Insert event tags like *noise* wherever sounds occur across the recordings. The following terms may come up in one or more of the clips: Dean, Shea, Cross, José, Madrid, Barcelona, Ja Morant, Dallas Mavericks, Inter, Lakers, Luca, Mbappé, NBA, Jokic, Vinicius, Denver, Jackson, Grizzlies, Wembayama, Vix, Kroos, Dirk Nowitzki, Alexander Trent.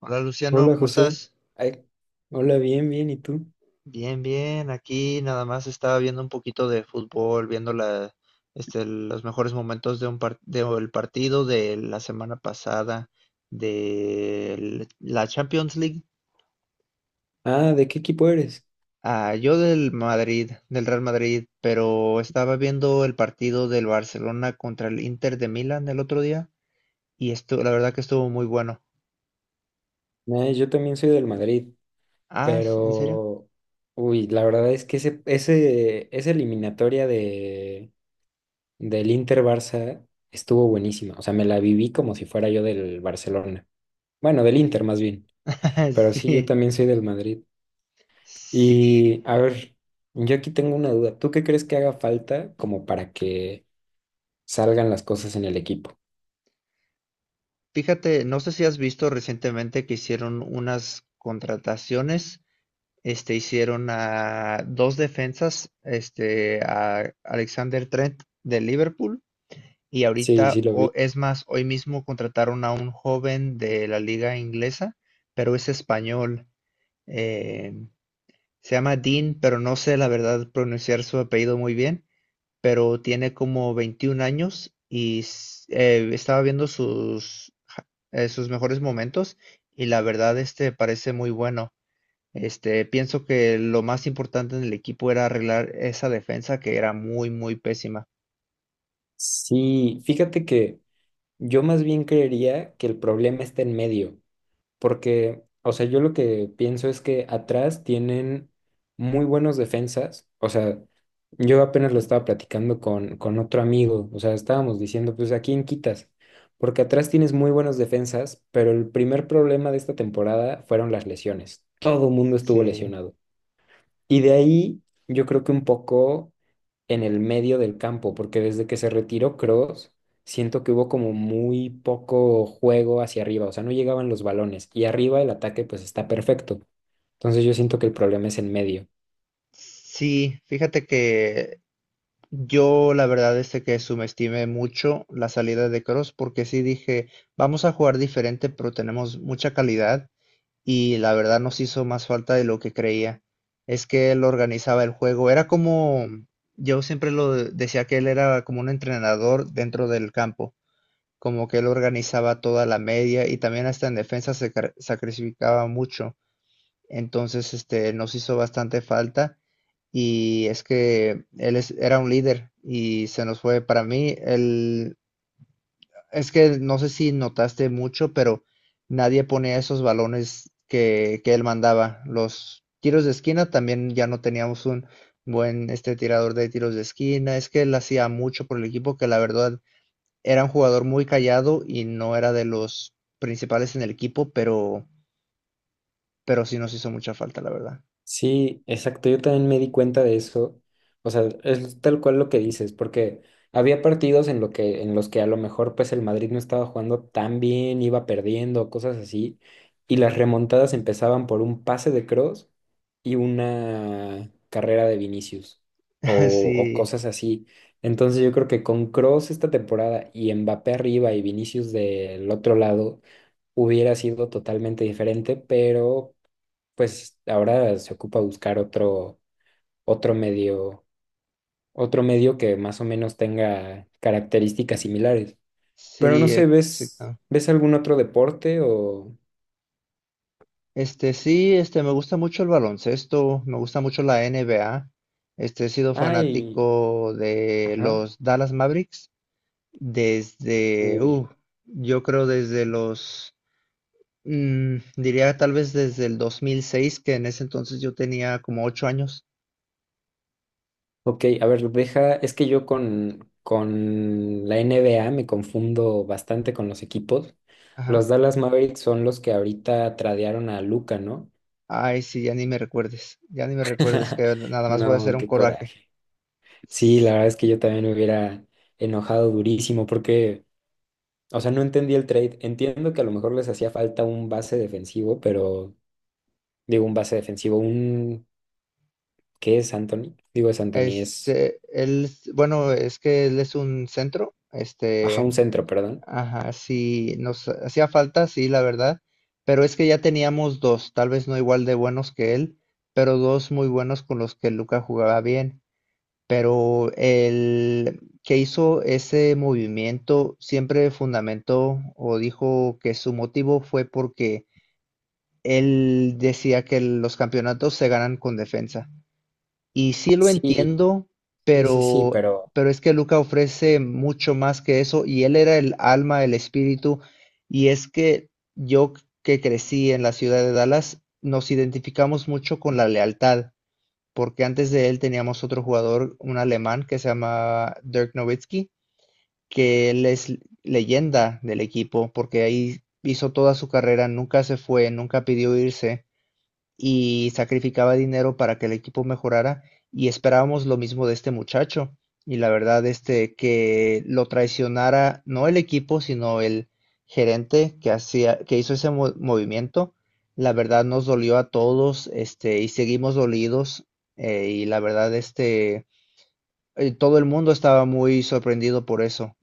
Hola Luciano, Hola ¿cómo José. estás? Ay, Hola, bien. ¿Y tú? Bien, bien. Aquí nada más estaba viendo un poquito de fútbol, viendo los mejores momentos de del partido de la semana pasada de la Champions League. Ah, ¿de qué equipo eres? Ah, yo del Madrid, del Real Madrid, pero estaba viendo el partido del Barcelona contra el Inter de Milán el otro día y esto, la verdad que estuvo muy bueno. Yo también soy del Madrid, Ah, ¿en serio? pero... Uy, la verdad es que esa eliminatoria del Inter-Barça estuvo buenísima. O sea, me la viví como si fuera yo del Barcelona. Bueno, del Inter más bien. *laughs* Pero sí, yo Sí. también soy del Madrid. Sí, Y a ver, yo aquí tengo una duda. ¿Tú qué crees que haga falta como para que salgan las cosas en el equipo? fíjate, no sé si has visto recientemente que hicieron unas contrataciones, hicieron a dos defensas, a Alexander Trent de Liverpool y Sí, ahorita, sí lo o, vi. es más, hoy mismo contrataron a un joven de la liga inglesa, pero es español, eh, se llama Dean, pero no sé la verdad pronunciar su apellido muy bien, pero tiene como 21 años y estaba viendo sus mejores momentos y la verdad este parece muy bueno. Pienso que lo más importante en el equipo era arreglar esa defensa que era muy, muy pésima. Sí, fíjate que yo más bien creería que el problema está en medio, porque, o sea, yo lo que pienso es que atrás tienen muy buenos defensas, o sea, yo apenas lo estaba platicando con otro amigo, o sea, estábamos diciendo, pues, ¿a quién quitas? Porque atrás tienes muy buenos defensas, pero el primer problema de esta temporada fueron las lesiones. Todo el mundo estuvo Sí. lesionado. Y de ahí, yo creo que un poco en el medio del campo, porque desde que se retiró Kroos, siento que hubo como muy poco juego hacia arriba, o sea, no llegaban los balones y arriba el ataque pues está perfecto. Entonces yo siento que el problema es en medio. Sí, fíjate que yo la verdad es de que subestimé mucho la salida de Cross porque sí dije, vamos a jugar diferente, pero tenemos mucha calidad y la verdad nos hizo más falta de lo que creía. Es que él organizaba el juego. Era como, yo siempre lo decía que él era como un entrenador dentro del campo, como que él organizaba toda la media y también hasta en defensa se sacrificaba mucho. Entonces, nos hizo bastante falta y es que él era un líder y se nos fue. Para mí, él es que no sé si notaste mucho, pero nadie ponía esos balones que él mandaba. Los tiros de esquina también ya no teníamos un buen tirador de tiros de esquina. Es que él hacía mucho por el equipo, que la verdad era un jugador muy callado y no era de los principales en el equipo, pero sí nos hizo mucha falta, la verdad. Sí, exacto. Yo también me di cuenta de eso. O sea, es tal cual lo que dices, porque había partidos en en los que a lo mejor pues el Madrid no estaba jugando tan bien, iba perdiendo, cosas así, *laughs* y las Ujú. remontadas empezaban por un pase de Cross y una carrera de Vinicius o, o Sí, cosas así. Entonces yo creo que con Cross esta temporada y Mbappé arriba y Vinicius del otro lado hubiera sido totalmente diferente, pero pues ahora se ocupa buscar otro medio, otro medio que más o menos tenga características similares. Pero no sí, sé, exacto. ¿ves algún otro deporte o... Este sí, me gusta mucho el baloncesto, me gusta mucho la NBA. He sido Ay, fanático de ajá, los Dallas Mavericks desde, uy. yo creo desde diría tal vez desde el 2006, que en ese entonces yo tenía como 8 años. Ok, a ver, deja, es que yo con la N B A me confundo bastante con los equipos. Ajá. Los Dallas Mavericks son los que ahorita tradearon a Luca, ¿no? Ay, sí, ya ni me recuerdes, ya ni me recuerdes, *laughs* que nada más voy a hacer No, un qué coraje. coraje. Sí, la verdad es que yo también me hubiera enojado durísimo porque, o sea, no entendí el trade. Entiendo que a lo mejor les hacía falta un base defensivo, pero digo un base defensivo, un... ¿Qué es Anthony? Digo es Anthony, Es, es... bueno, es que él es un centro, Ajá, un centro, perdón. ajá, sí, nos hacía falta, sí, la verdad, pero es que ya teníamos dos, tal vez no igual de buenos que él, pero dos muy buenos con los que Luca jugaba bien. Pero el que hizo ese movimiento siempre fundamentó o dijo que su motivo fue porque él decía que los campeonatos se ganan con defensa. Y sí lo Sí, entiendo, sí, sí, sí, pero, pero pero es que Luca ofrece mucho más que eso y él era el alma, el espíritu, y es que yo que crecí en la ciudad de Dallas, nos identificamos mucho con la lealtad, porque antes de él teníamos otro jugador, un alemán que se llama Dirk Nowitzki, que él es leyenda del equipo, porque ahí hizo toda su carrera, nunca se fue, nunca pidió irse y sacrificaba dinero para que el equipo mejorara y esperábamos lo mismo de este muchacho. Y la verdad, que lo traicionara no el equipo, sino el gerente que hizo ese movimiento, la verdad nos dolió a todos, y seguimos dolidos, y la verdad, todo el mundo estaba muy sorprendido por eso.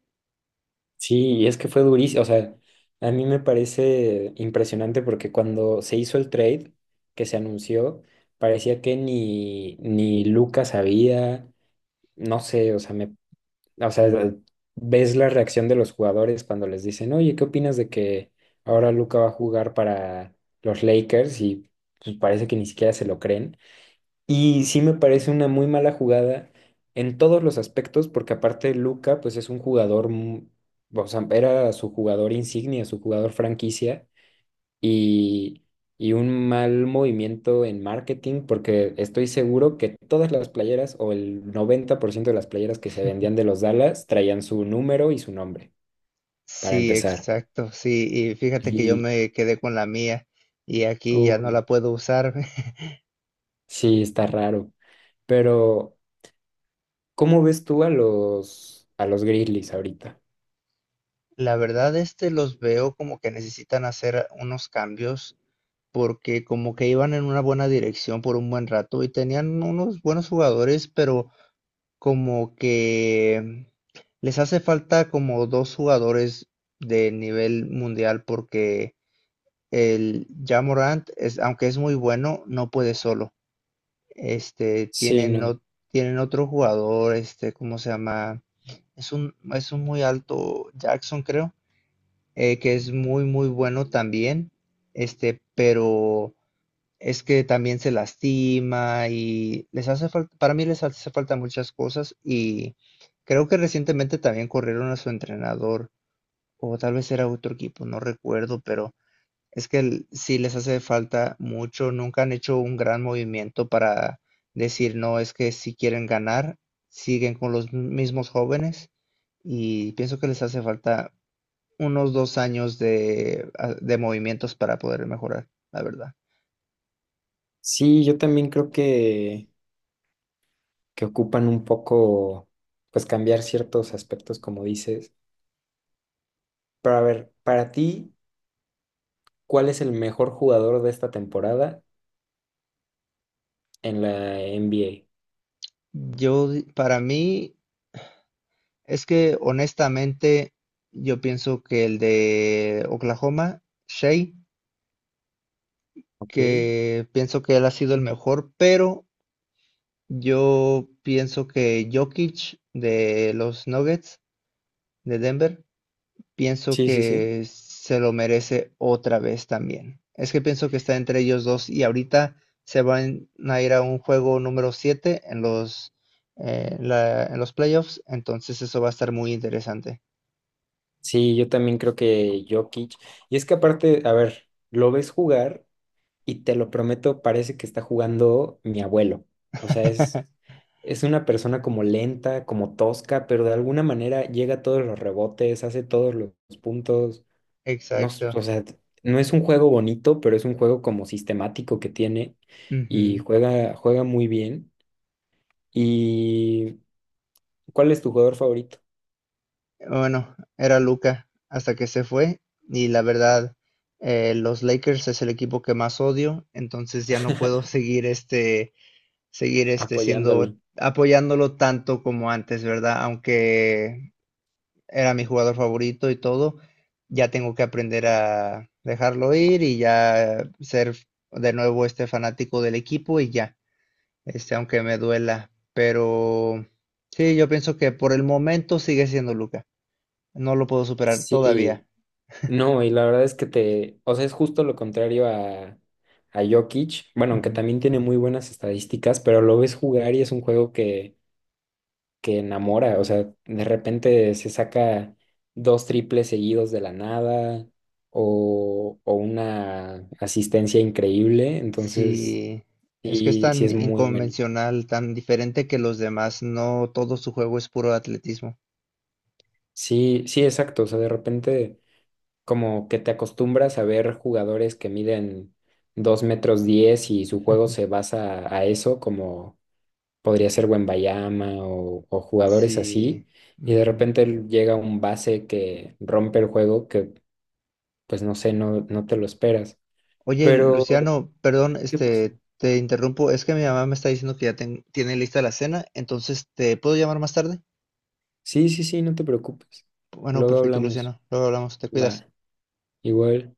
sí, y es que fue durísimo. O sea, a mí me parece impresionante porque cuando se hizo el trade que se anunció, parecía que ni Lucas sabía, no sé, O sea, ves la reacción de los jugadores cuando les dicen, oye, ¿qué opinas de que ahora Luca va a jugar para los Lakers? Y pues parece que ni siquiera se lo creen. Y sí me parece una muy mala jugada en todos los aspectos, porque aparte Luca, pues es un jugador, o sea, era su jugador insignia, su jugador franquicia, y, y un mal movimiento en marketing, porque estoy seguro que todas las playeras o el 90% de las playeras que se vendían de los Dallas traían su número y su nombre, para Sí, empezar. exacto, sí, y fíjate que yo Y, me quedé con la mía y aquí ya no uy, la puedo usar. sí, está raro. Pero, ¿cómo ves tú a a los Grizzlies ahorita? La verdad, los veo como que necesitan hacer unos cambios porque como que iban en una buena dirección por un buen rato y tenían unos buenos jugadores, pero como que les hace falta como 2 jugadores de nivel mundial porque el Ja Morant es, aunque es muy bueno, no puede solo. Este, Sí, tienen, no. o- Tienen otro jugador, ¿cómo se llama? Es un muy alto Jackson, creo, que es muy, muy bueno también, pero es que también se lastima y les hace falta, para mí les hace falta muchas cosas y creo que recientemente también corrieron a su entrenador o tal vez era otro equipo, no recuerdo, pero es que sí les hace falta mucho, nunca han hecho un gran movimiento para decir, no, es que si quieren ganar, siguen con los mismos jóvenes y pienso que les hace falta unos 2 años de, de movimientos para poder mejorar, la verdad. Sí, yo también creo que ocupan un poco, pues cambiar ciertos aspectos, como dices. Pero a ver, para ti... ¿Cuál es el mejor jugador de esta temporada en la NBA? Para mí, es que honestamente, yo pienso que el de Oklahoma, Shea, Ok. que pienso que él ha sido el mejor, pero yo pienso que Jokic de los Nuggets de Denver pienso Sí, sí, sí. que se lo merece otra vez también. Es que pienso que está entre ellos 2 y ahorita se van a ir a un juego número 7 en en los playoffs, entonces eso va a estar muy interesante. Sí, yo también creo que Jokic. Y es que aparte, a ver, lo ves jugar y te lo prometo, parece que está jugando mi abuelo. O sea, *laughs* es una persona como lenta, como tosca, pero de alguna manera llega a todos los rebotes, hace todos los puntos. No, Exacto. o sea, no es un juego bonito, pero es un juego como sistemático que tiene y Ujú. Juega muy bien. ¿Y cuál es tu jugador favorito? Bueno, era Luca hasta que se fue y la verdad, los Lakers es el equipo que más odio, entonces ya no puedo *laughs* seguir Apoyándolo. siendo apoyándolo tanto como antes, ¿verdad? Aunque era mi jugador favorito y todo, ya tengo que aprender a dejarlo ir y ya ser de nuevo fanático del equipo y ya, aunque me duela, pero sí, yo pienso que por el momento sigue siendo Luca, no lo puedo superar todavía. Sí, no, y la verdad es que te, o sea, es justo lo contrario a Jokic, bueno, aunque Ujú. también tiene muy buenas estadísticas, pero lo ves jugar y es un juego que enamora, o sea, de repente se saca dos triples seguidos de la nada o una asistencia increíble, entonces Sí, es que es sí, sí tan es muy bueno. inconvencional, tan diferente que los demás, no todo su juego es puro atletismo. Sí, sí, exacto, o sea, de repente... como que te acostumbras a ver jugadores que miden 2 metros 10 y su juego se *laughs* basa a eso, como podría ser Wembayama o jugadores Sí. así, y de Ujú. repente llega un base que rompe el juego que, pues no sé, no te lo esperas. Oye, Pero, Luciano, perdón, ¿qué pasó? Te interrumpo. Es que mi mamá me está diciendo que ya tiene lista la cena, entonces, ¿te puedo llamar más tarde? Sí, sí, sí, no te preocupes. Bueno, Luego perfecto, hablamos. Luciano. Luego hablamos, te cuidas. Va, igual.